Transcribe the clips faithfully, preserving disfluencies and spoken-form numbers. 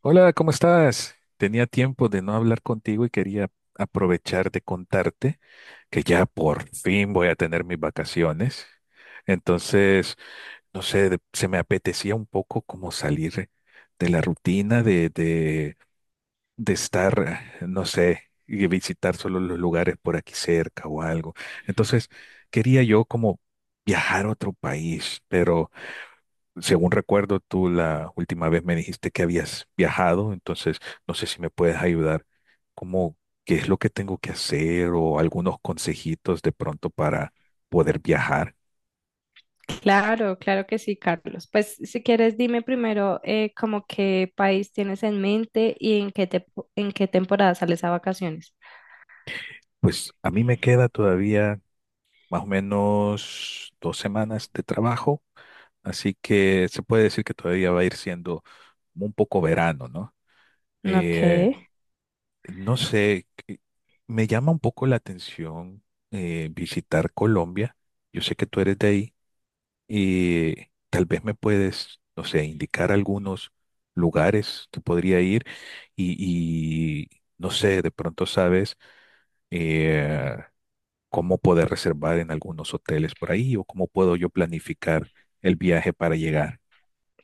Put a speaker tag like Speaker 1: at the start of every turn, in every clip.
Speaker 1: Hola, ¿cómo estás? Tenía tiempo de no hablar contigo y quería aprovechar de contarte que ya por fin voy a tener mis vacaciones. Entonces, no sé, de- se me apetecía un poco como salir de la rutina de, de, de estar, no sé, y visitar solo los lugares por aquí cerca o algo. Entonces, quería yo como viajar a otro país, pero según recuerdo, tú la última vez me dijiste que habías viajado, entonces no sé si me puedes ayudar, como qué es lo que tengo que hacer o algunos consejitos de pronto para poder viajar.
Speaker 2: Claro, claro que sí, Carlos. Pues si quieres, dime primero eh, como qué país tienes en mente y en qué te- en qué temporada sales a vacaciones.
Speaker 1: Pues a mí me queda todavía más o menos dos semanas de trabajo, así que se puede decir que todavía va a ir siendo un poco verano, ¿no?
Speaker 2: Ok,
Speaker 1: Eh, no sé, eh, me llama un poco la atención eh, visitar Colombia. Yo sé que tú eres de ahí. Y tal vez me puedes, no sé, indicar algunos lugares que podría ir y, y, no sé, de pronto sabes eh, cómo poder reservar en algunos hoteles por ahí o cómo puedo yo planificar el viaje para llegar.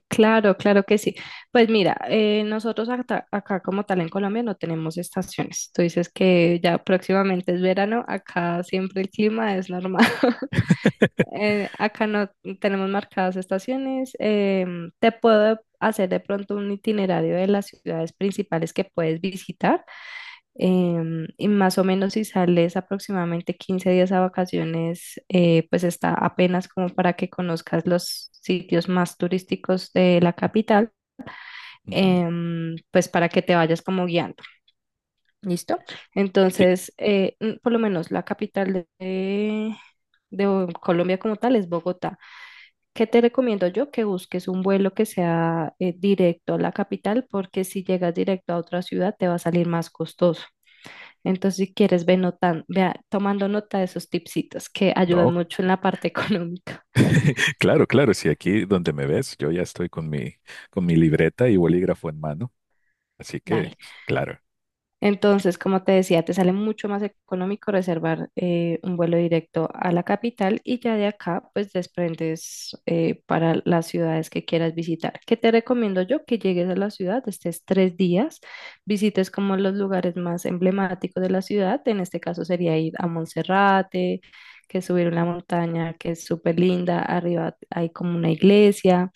Speaker 2: claro, claro que sí. Pues mira, eh, nosotros acá, acá como tal en Colombia no tenemos estaciones. Tú dices que ya próximamente es verano, acá siempre el clima es normal. Eh, acá no tenemos marcadas estaciones. Em, te puedo hacer de pronto un itinerario de las ciudades principales que puedes visitar, em, y más o menos si sales aproximadamente quince días a vacaciones, eh, pues está apenas como para que conozcas los sitios más turísticos de la capital,
Speaker 1: Ujú.
Speaker 2: em, pues para que te vayas como guiando, ¿listo?
Speaker 1: Sí,
Speaker 2: Entonces, eh, mm, por lo menos la capital de, de Bo- Colombia como tal es Bogotá. ¿Qué te recomiendo yo? Que busques un vuelo que sea eh, directo a la capital, porque si llegas directo a otra ciudad te va a salir más costoso. Entonces, si quieres, ve notan- vea, tomando nota de esos tipsitos que ayudan
Speaker 1: no,
Speaker 2: mucho en la parte económica.
Speaker 1: claro, claro, sí, aquí donde me ves, yo ya estoy con mi, con mi libreta y bolígrafo en mano, así
Speaker 2: Dale.
Speaker 1: que, claro.
Speaker 2: Entonces, como te decía, te sale mucho más económico reservar eh, un vuelo directo a la capital y ya de acá, pues desprendes eh, para las ciudades que quieras visitar. ¿Qué te recomiendo yo? Que llegues a la ciudad, estés tres días, visites como los lugares más emblemáticos de la ciudad. En este caso sería ir a Monserrate, que es subir una montaña que es súper linda. Arriba hay como una iglesia.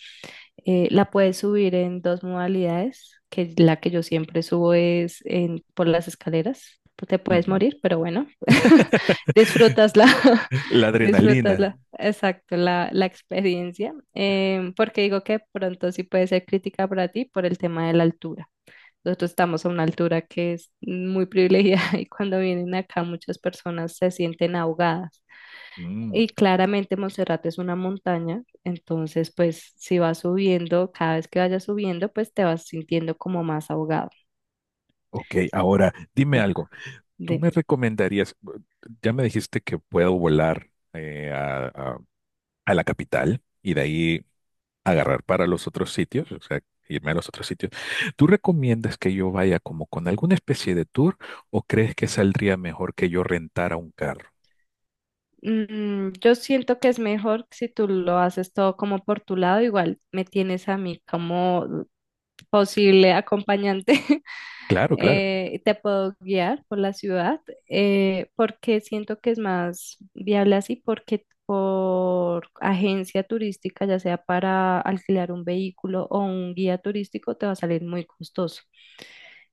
Speaker 2: Eh, la puedes subir en dos modalidades, que la que yo siempre subo es en, por las escaleras. Pues Te puedes
Speaker 1: Ujú.
Speaker 2: morir, pero bueno, disfrutasla,
Speaker 1: La adrenalina.
Speaker 2: disfrutasla, exacto, la, la experiencia. Em, porque digo que pronto sí puede ser crítica para ti por el tema de la altura. Nosotros estamos a una altura que es muy privilegiada y cuando vienen acá muchas personas se sienten ahogadas. Y claramente Montserrat es una montaña, entonces pues si vas subiendo, cada vez que vayas subiendo, pues te vas sintiendo como más ahogado.
Speaker 1: Ok, ahora dime
Speaker 2: Ta-
Speaker 1: algo. ¿Tú
Speaker 2: de-
Speaker 1: me recomendarías, ya me dijiste que puedo volar eh, a, a- a la capital y de ahí agarrar para los otros sitios, o sea, irme a los otros sitios? ¿Tú recomiendas que yo vaya como con alguna especie de tour o crees que saldría mejor que yo rentara un carro?
Speaker 2: Mm, yo siento que es mejor si tú lo haces todo como por tu lado, igual me tienes a mí como posible acompañante.
Speaker 1: Claro, claro.
Speaker 2: Eh, te puedo guiar por la ciudad, eh, porque siento que es más viable así, porque por agencia turística, ya sea para alquilar un vehículo o un guía turístico, te va a salir muy costoso.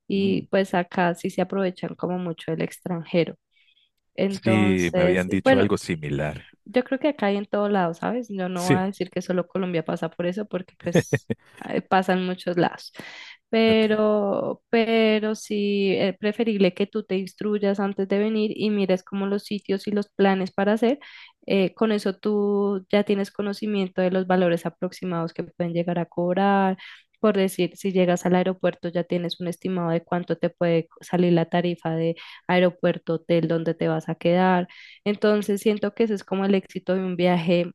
Speaker 2: Y
Speaker 1: Mm.
Speaker 2: pues acá sí se aprovechan como mucho el extranjero.
Speaker 1: Sí, me
Speaker 2: Entonces,
Speaker 1: habían dicho
Speaker 2: bueno,
Speaker 1: algo similar.
Speaker 2: yo creo que acá hay en todo lado, ¿sabes? Yo no voy a
Speaker 1: Sí,
Speaker 2: decir que solo Colombia pasa por eso, porque pues eh, pasa en muchos lados.
Speaker 1: ok,
Speaker 2: Pero, pero sí es preferible que tú te instruyas antes de venir y mires como los sitios y los planes para hacer. Eh, con eso tú ya tienes conocimiento de los valores aproximados que pueden llegar a cobrar. Por decir, si llegas al aeropuerto ya tienes un estimado de cuánto te puede salir la tarifa de aeropuerto, hotel, donde te vas a quedar. Entonces siento que ese es como el éxito de un viaje,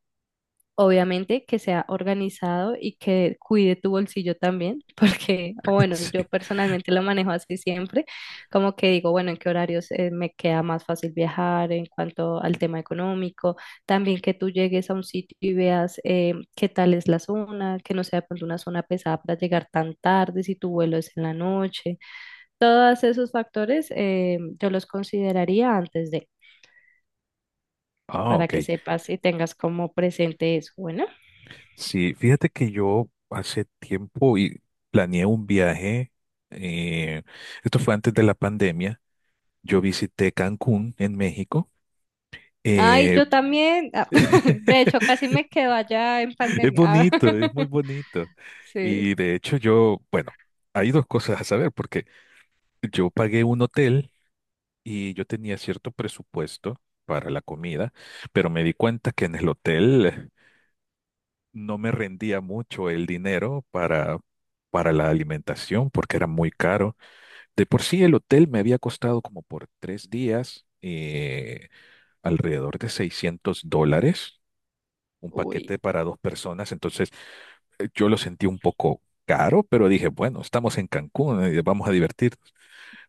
Speaker 2: obviamente que sea organizado y que cuide tu bolsillo también, porque o bueno, yo
Speaker 1: sí.
Speaker 2: personalmente lo manejo así siempre, como que digo, bueno, en qué horarios eh, me queda más fácil viajar en cuanto al tema económico, también que tú llegues a un sitio y veas eh, qué tal es la zona, que no sea de pronto una zona pesada para llegar tan tarde, si tu vuelo es en la noche. Todos esos factores eh, yo los consideraría antes de,
Speaker 1: Ah,
Speaker 2: para
Speaker 1: ok.
Speaker 2: que sepas y tengas como presente eso. Bueno,
Speaker 1: Sí, fíjate que yo hace tiempo y planeé un viaje, eh, esto fue antes de la pandemia, yo visité Cancún en México.
Speaker 2: ay,
Speaker 1: eh,
Speaker 2: yo también, ah, de hecho, casi me quedo allá en
Speaker 1: es
Speaker 2: pandemia.
Speaker 1: bonito, es muy bonito.
Speaker 2: Sí,
Speaker 1: Y de hecho yo, bueno, hay dos cosas a saber, porque yo pagué un hotel y yo tenía cierto presupuesto para la comida, pero me di cuenta que en el hotel no me rendía mucho el dinero para, para la alimentación porque era muy caro. De por sí el hotel me había costado como por tres días eh, alrededor de seiscientos dólares, un
Speaker 2: uy,
Speaker 1: paquete para dos personas, entonces eh, yo lo sentí un poco caro, pero dije, bueno, estamos en Cancún, eh, vamos a divertirnos.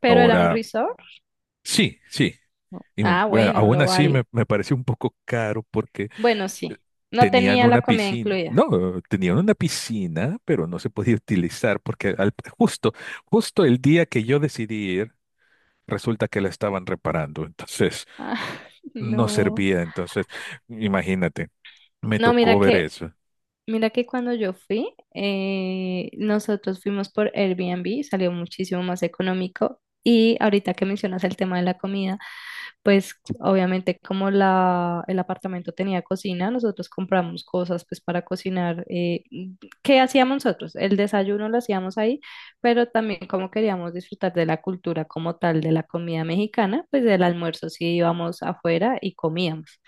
Speaker 2: pero era un
Speaker 1: Ahora,
Speaker 2: resort.
Speaker 1: sí, sí,
Speaker 2: No.
Speaker 1: y me-
Speaker 2: Ah,
Speaker 1: bueno,
Speaker 2: bueno,
Speaker 1: aún
Speaker 2: lo
Speaker 1: así me,
Speaker 2: vale.
Speaker 1: me pareció un poco caro porque
Speaker 2: Bueno,
Speaker 1: eh,
Speaker 2: sí, no
Speaker 1: tenían
Speaker 2: tenía
Speaker 1: una
Speaker 2: la comida
Speaker 1: piscina,
Speaker 2: incluida.
Speaker 1: no, tenían una piscina, pero no se podía utilizar porque al- justo, justo el día que yo decidí ir, resulta que la estaban reparando, entonces
Speaker 2: Ah,
Speaker 1: no
Speaker 2: no,
Speaker 1: servía. Entonces, imagínate, me
Speaker 2: no, mira
Speaker 1: tocó ver
Speaker 2: que,
Speaker 1: eso.
Speaker 2: mira que cuando yo fui, eh, nosotros fuimos por Airbnb, salió muchísimo más económico. Y ahorita que mencionas el tema de la comida, pues obviamente como la, el apartamento tenía cocina, nosotros compramos cosas pues para cocinar. Eh, ¿qué hacíamos nosotros? El desayuno lo hacíamos ahí, pero también como queríamos disfrutar de la cultura como tal de la comida mexicana, pues del almuerzo sí íbamos afuera y comíamos.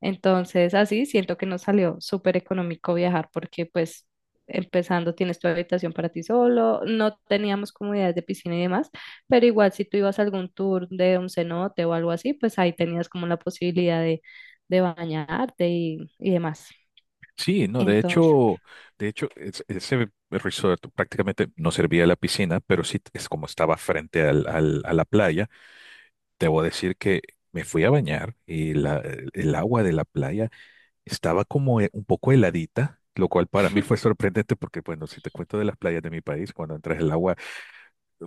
Speaker 2: Entonces, así siento que nos salió súper económico viajar porque pues empezando tienes tu habitación para ti solo, no teníamos comodidades de piscina y demás, pero igual si tú ibas a algún tour de un cenote o algo así, pues ahí tenías como la posibilidad de, de bañarte y, y demás.
Speaker 1: Sí, no, de
Speaker 2: Entonces,
Speaker 1: hecho, de hecho, es- ese resort prácticamente no servía a la piscina, pero sí es como estaba frente al- al- a la playa. Debo decir que me fui a bañar y la- el el agua de la playa estaba como eh, un poco heladita, lo cual para mí fue sorprendente porque, bueno, si te cuento de las playas de mi país, cuando entras el agua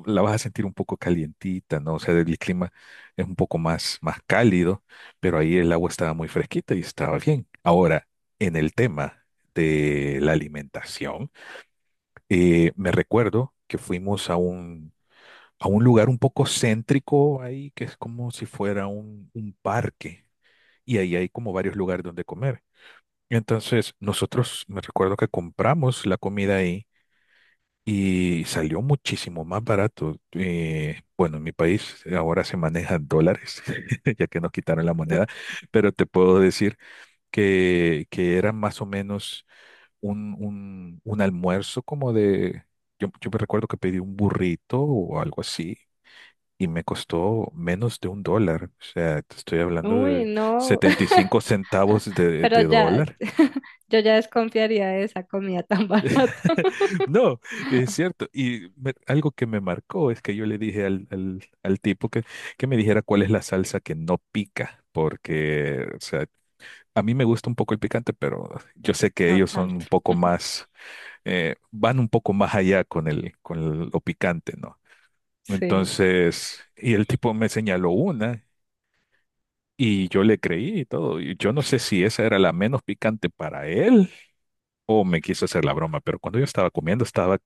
Speaker 1: la vas a sentir un poco calientita, ¿no? O sea, el clima es un poco más, más cálido, pero ahí el agua estaba muy fresquita y estaba bien. Ahora, en el tema de la alimentación, eh, me recuerdo que fuimos a un, a un lugar un poco céntrico ahí, que es como si fuera un, un parque, y ahí hay como varios lugares donde comer. Entonces, nosotros me recuerdo que compramos la comida ahí y salió muchísimo más barato. Eh, bueno, en mi país ahora se maneja dólares, ya que nos quitaron la moneda, pero te puedo decir que, que era más o menos un, un, un almuerzo como de... Yo, yo me recuerdo que pedí un burrito o algo así y me costó menos de un dólar. O sea, te estoy hablando
Speaker 2: uy,
Speaker 1: de
Speaker 2: no,
Speaker 1: setenta y cinco centavos de,
Speaker 2: pero
Speaker 1: de
Speaker 2: ya,
Speaker 1: dólar.
Speaker 2: yo ya desconfiaría de esa comida tan barata.
Speaker 1: No, es cierto. Y me- algo que me marcó es que yo le dije al, al- al tipo que, que me dijera cuál es la salsa que no pica, porque, o sea, a mí me gusta un poco el picante, pero yo sé que
Speaker 2: No
Speaker 1: ellos son
Speaker 2: tanto,
Speaker 1: un poco más, eh, van un poco más allá con el, con lo picante, ¿no?
Speaker 2: sí.
Speaker 1: Entonces, y el tipo me señaló una y yo le creí y todo. Y yo no sé si esa era la menos picante para él o me quiso hacer la broma, pero cuando yo estaba comiendo estaba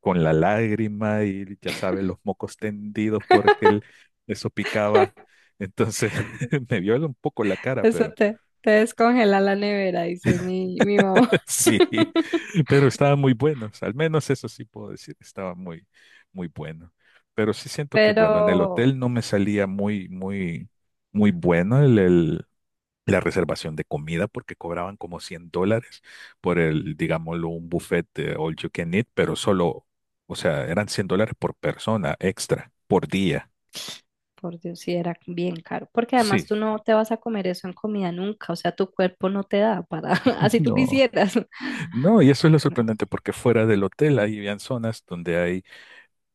Speaker 1: con la lágrima y ya sabes, los mocos tendidos porque él, eso picaba. Entonces me vio un poco la cara,
Speaker 2: Eso
Speaker 1: pero
Speaker 2: te, te descongela la nevera, dice mi, mi mamá.
Speaker 1: sí, pero estaba muy bueno. O sea, al menos eso sí puedo decir, estaba muy, muy bueno. Pero sí siento que,
Speaker 2: Pero,
Speaker 1: bueno, en el hotel no me salía muy, muy, muy bueno el, el, la reservación de comida porque cobraban como cien dólares por el, digámoslo, un buffet de all you can eat, pero solo, o sea, eran cien dólares por persona extra, por día.
Speaker 2: por Dios, sí era bien caro. Porque además
Speaker 1: Sí.
Speaker 2: tú no te vas a comer eso en comida nunca. O sea, tu cuerpo no te da para, así tú
Speaker 1: No.
Speaker 2: quisieras.
Speaker 1: No, y eso es lo
Speaker 2: No.
Speaker 1: sorprendente porque fuera del hotel hay habían zonas donde hay,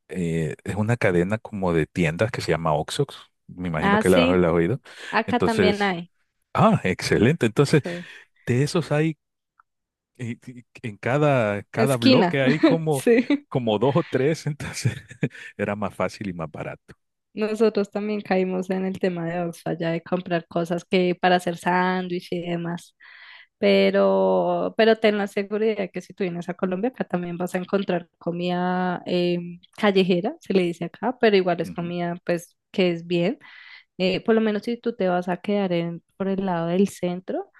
Speaker 1: eh, es una cadena como de tiendas que se llama Oxox, me imagino
Speaker 2: Ah,
Speaker 1: que la,
Speaker 2: sí,
Speaker 1: la has oído.
Speaker 2: acá también
Speaker 1: Entonces,
Speaker 2: hay.
Speaker 1: ah, excelente. Entonces,
Speaker 2: Sí.
Speaker 1: de esos hay y- y- en cada, cada
Speaker 2: Esquina.
Speaker 1: bloque hay como,
Speaker 2: Sí.
Speaker 1: como dos o tres, entonces era más fácil y más barato.
Speaker 2: Nosotros también caímos en el tema de Oxfam, ya de comprar cosas que para hacer sándwich y demás. Pero, pero ten la seguridad que si tú vienes a Colombia, acá también vas a encontrar comida em, callejera, se le dice acá, pero igual es
Speaker 1: Ujú.
Speaker 2: comida pues que es bien. Eh, por lo menos si tú te vas a quedar en, por el lado del centro,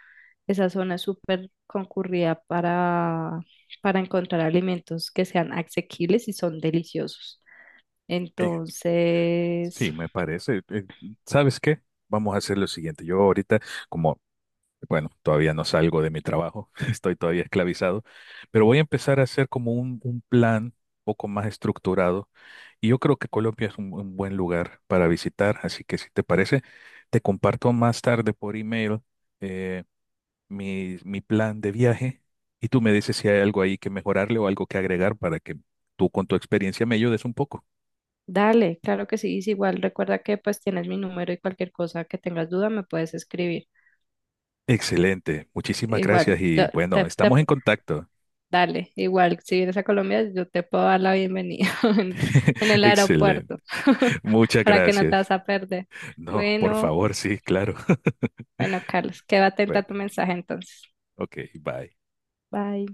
Speaker 2: esa zona es súper concurrida para, para encontrar alimentos que sean asequibles y son deliciosos.
Speaker 1: Eh,
Speaker 2: Entonces,
Speaker 1: Sí, me parece. Eh, ¿Sabes qué? Vamos a hacer lo siguiente. Yo ahorita, como, bueno, todavía no salgo de mi trabajo, estoy todavía esclavizado, pero voy a empezar a hacer como un, un plan un poco más estructurado y yo creo que Colombia es un, un buen lugar para visitar, así que si te parece, te comparto más tarde por email. eh, mi, mi plan de viaje y tú me dices si hay algo ahí que mejorarle o algo que agregar para que tú con tu experiencia me ayudes un poco.
Speaker 2: dale, claro que sí, es igual recuerda que pues tienes mi número y cualquier cosa que tengas duda me puedes escribir.
Speaker 1: Excelente, muchísimas
Speaker 2: Igual,
Speaker 1: gracias y
Speaker 2: yo
Speaker 1: bueno,
Speaker 2: te, te-
Speaker 1: estamos en contacto.
Speaker 2: dale, igual, si vienes a Colombia, yo te puedo dar la bienvenida en, en el
Speaker 1: Excelente,
Speaker 2: aeropuerto
Speaker 1: muchas
Speaker 2: para que no te
Speaker 1: gracias.
Speaker 2: vas a perder.
Speaker 1: No, por
Speaker 2: Bueno,
Speaker 1: favor, sí, claro.
Speaker 2: bueno, Carlos, quédate atenta a tu
Speaker 1: Bueno,
Speaker 2: mensaje entonces.
Speaker 1: ok, bye.
Speaker 2: Bye.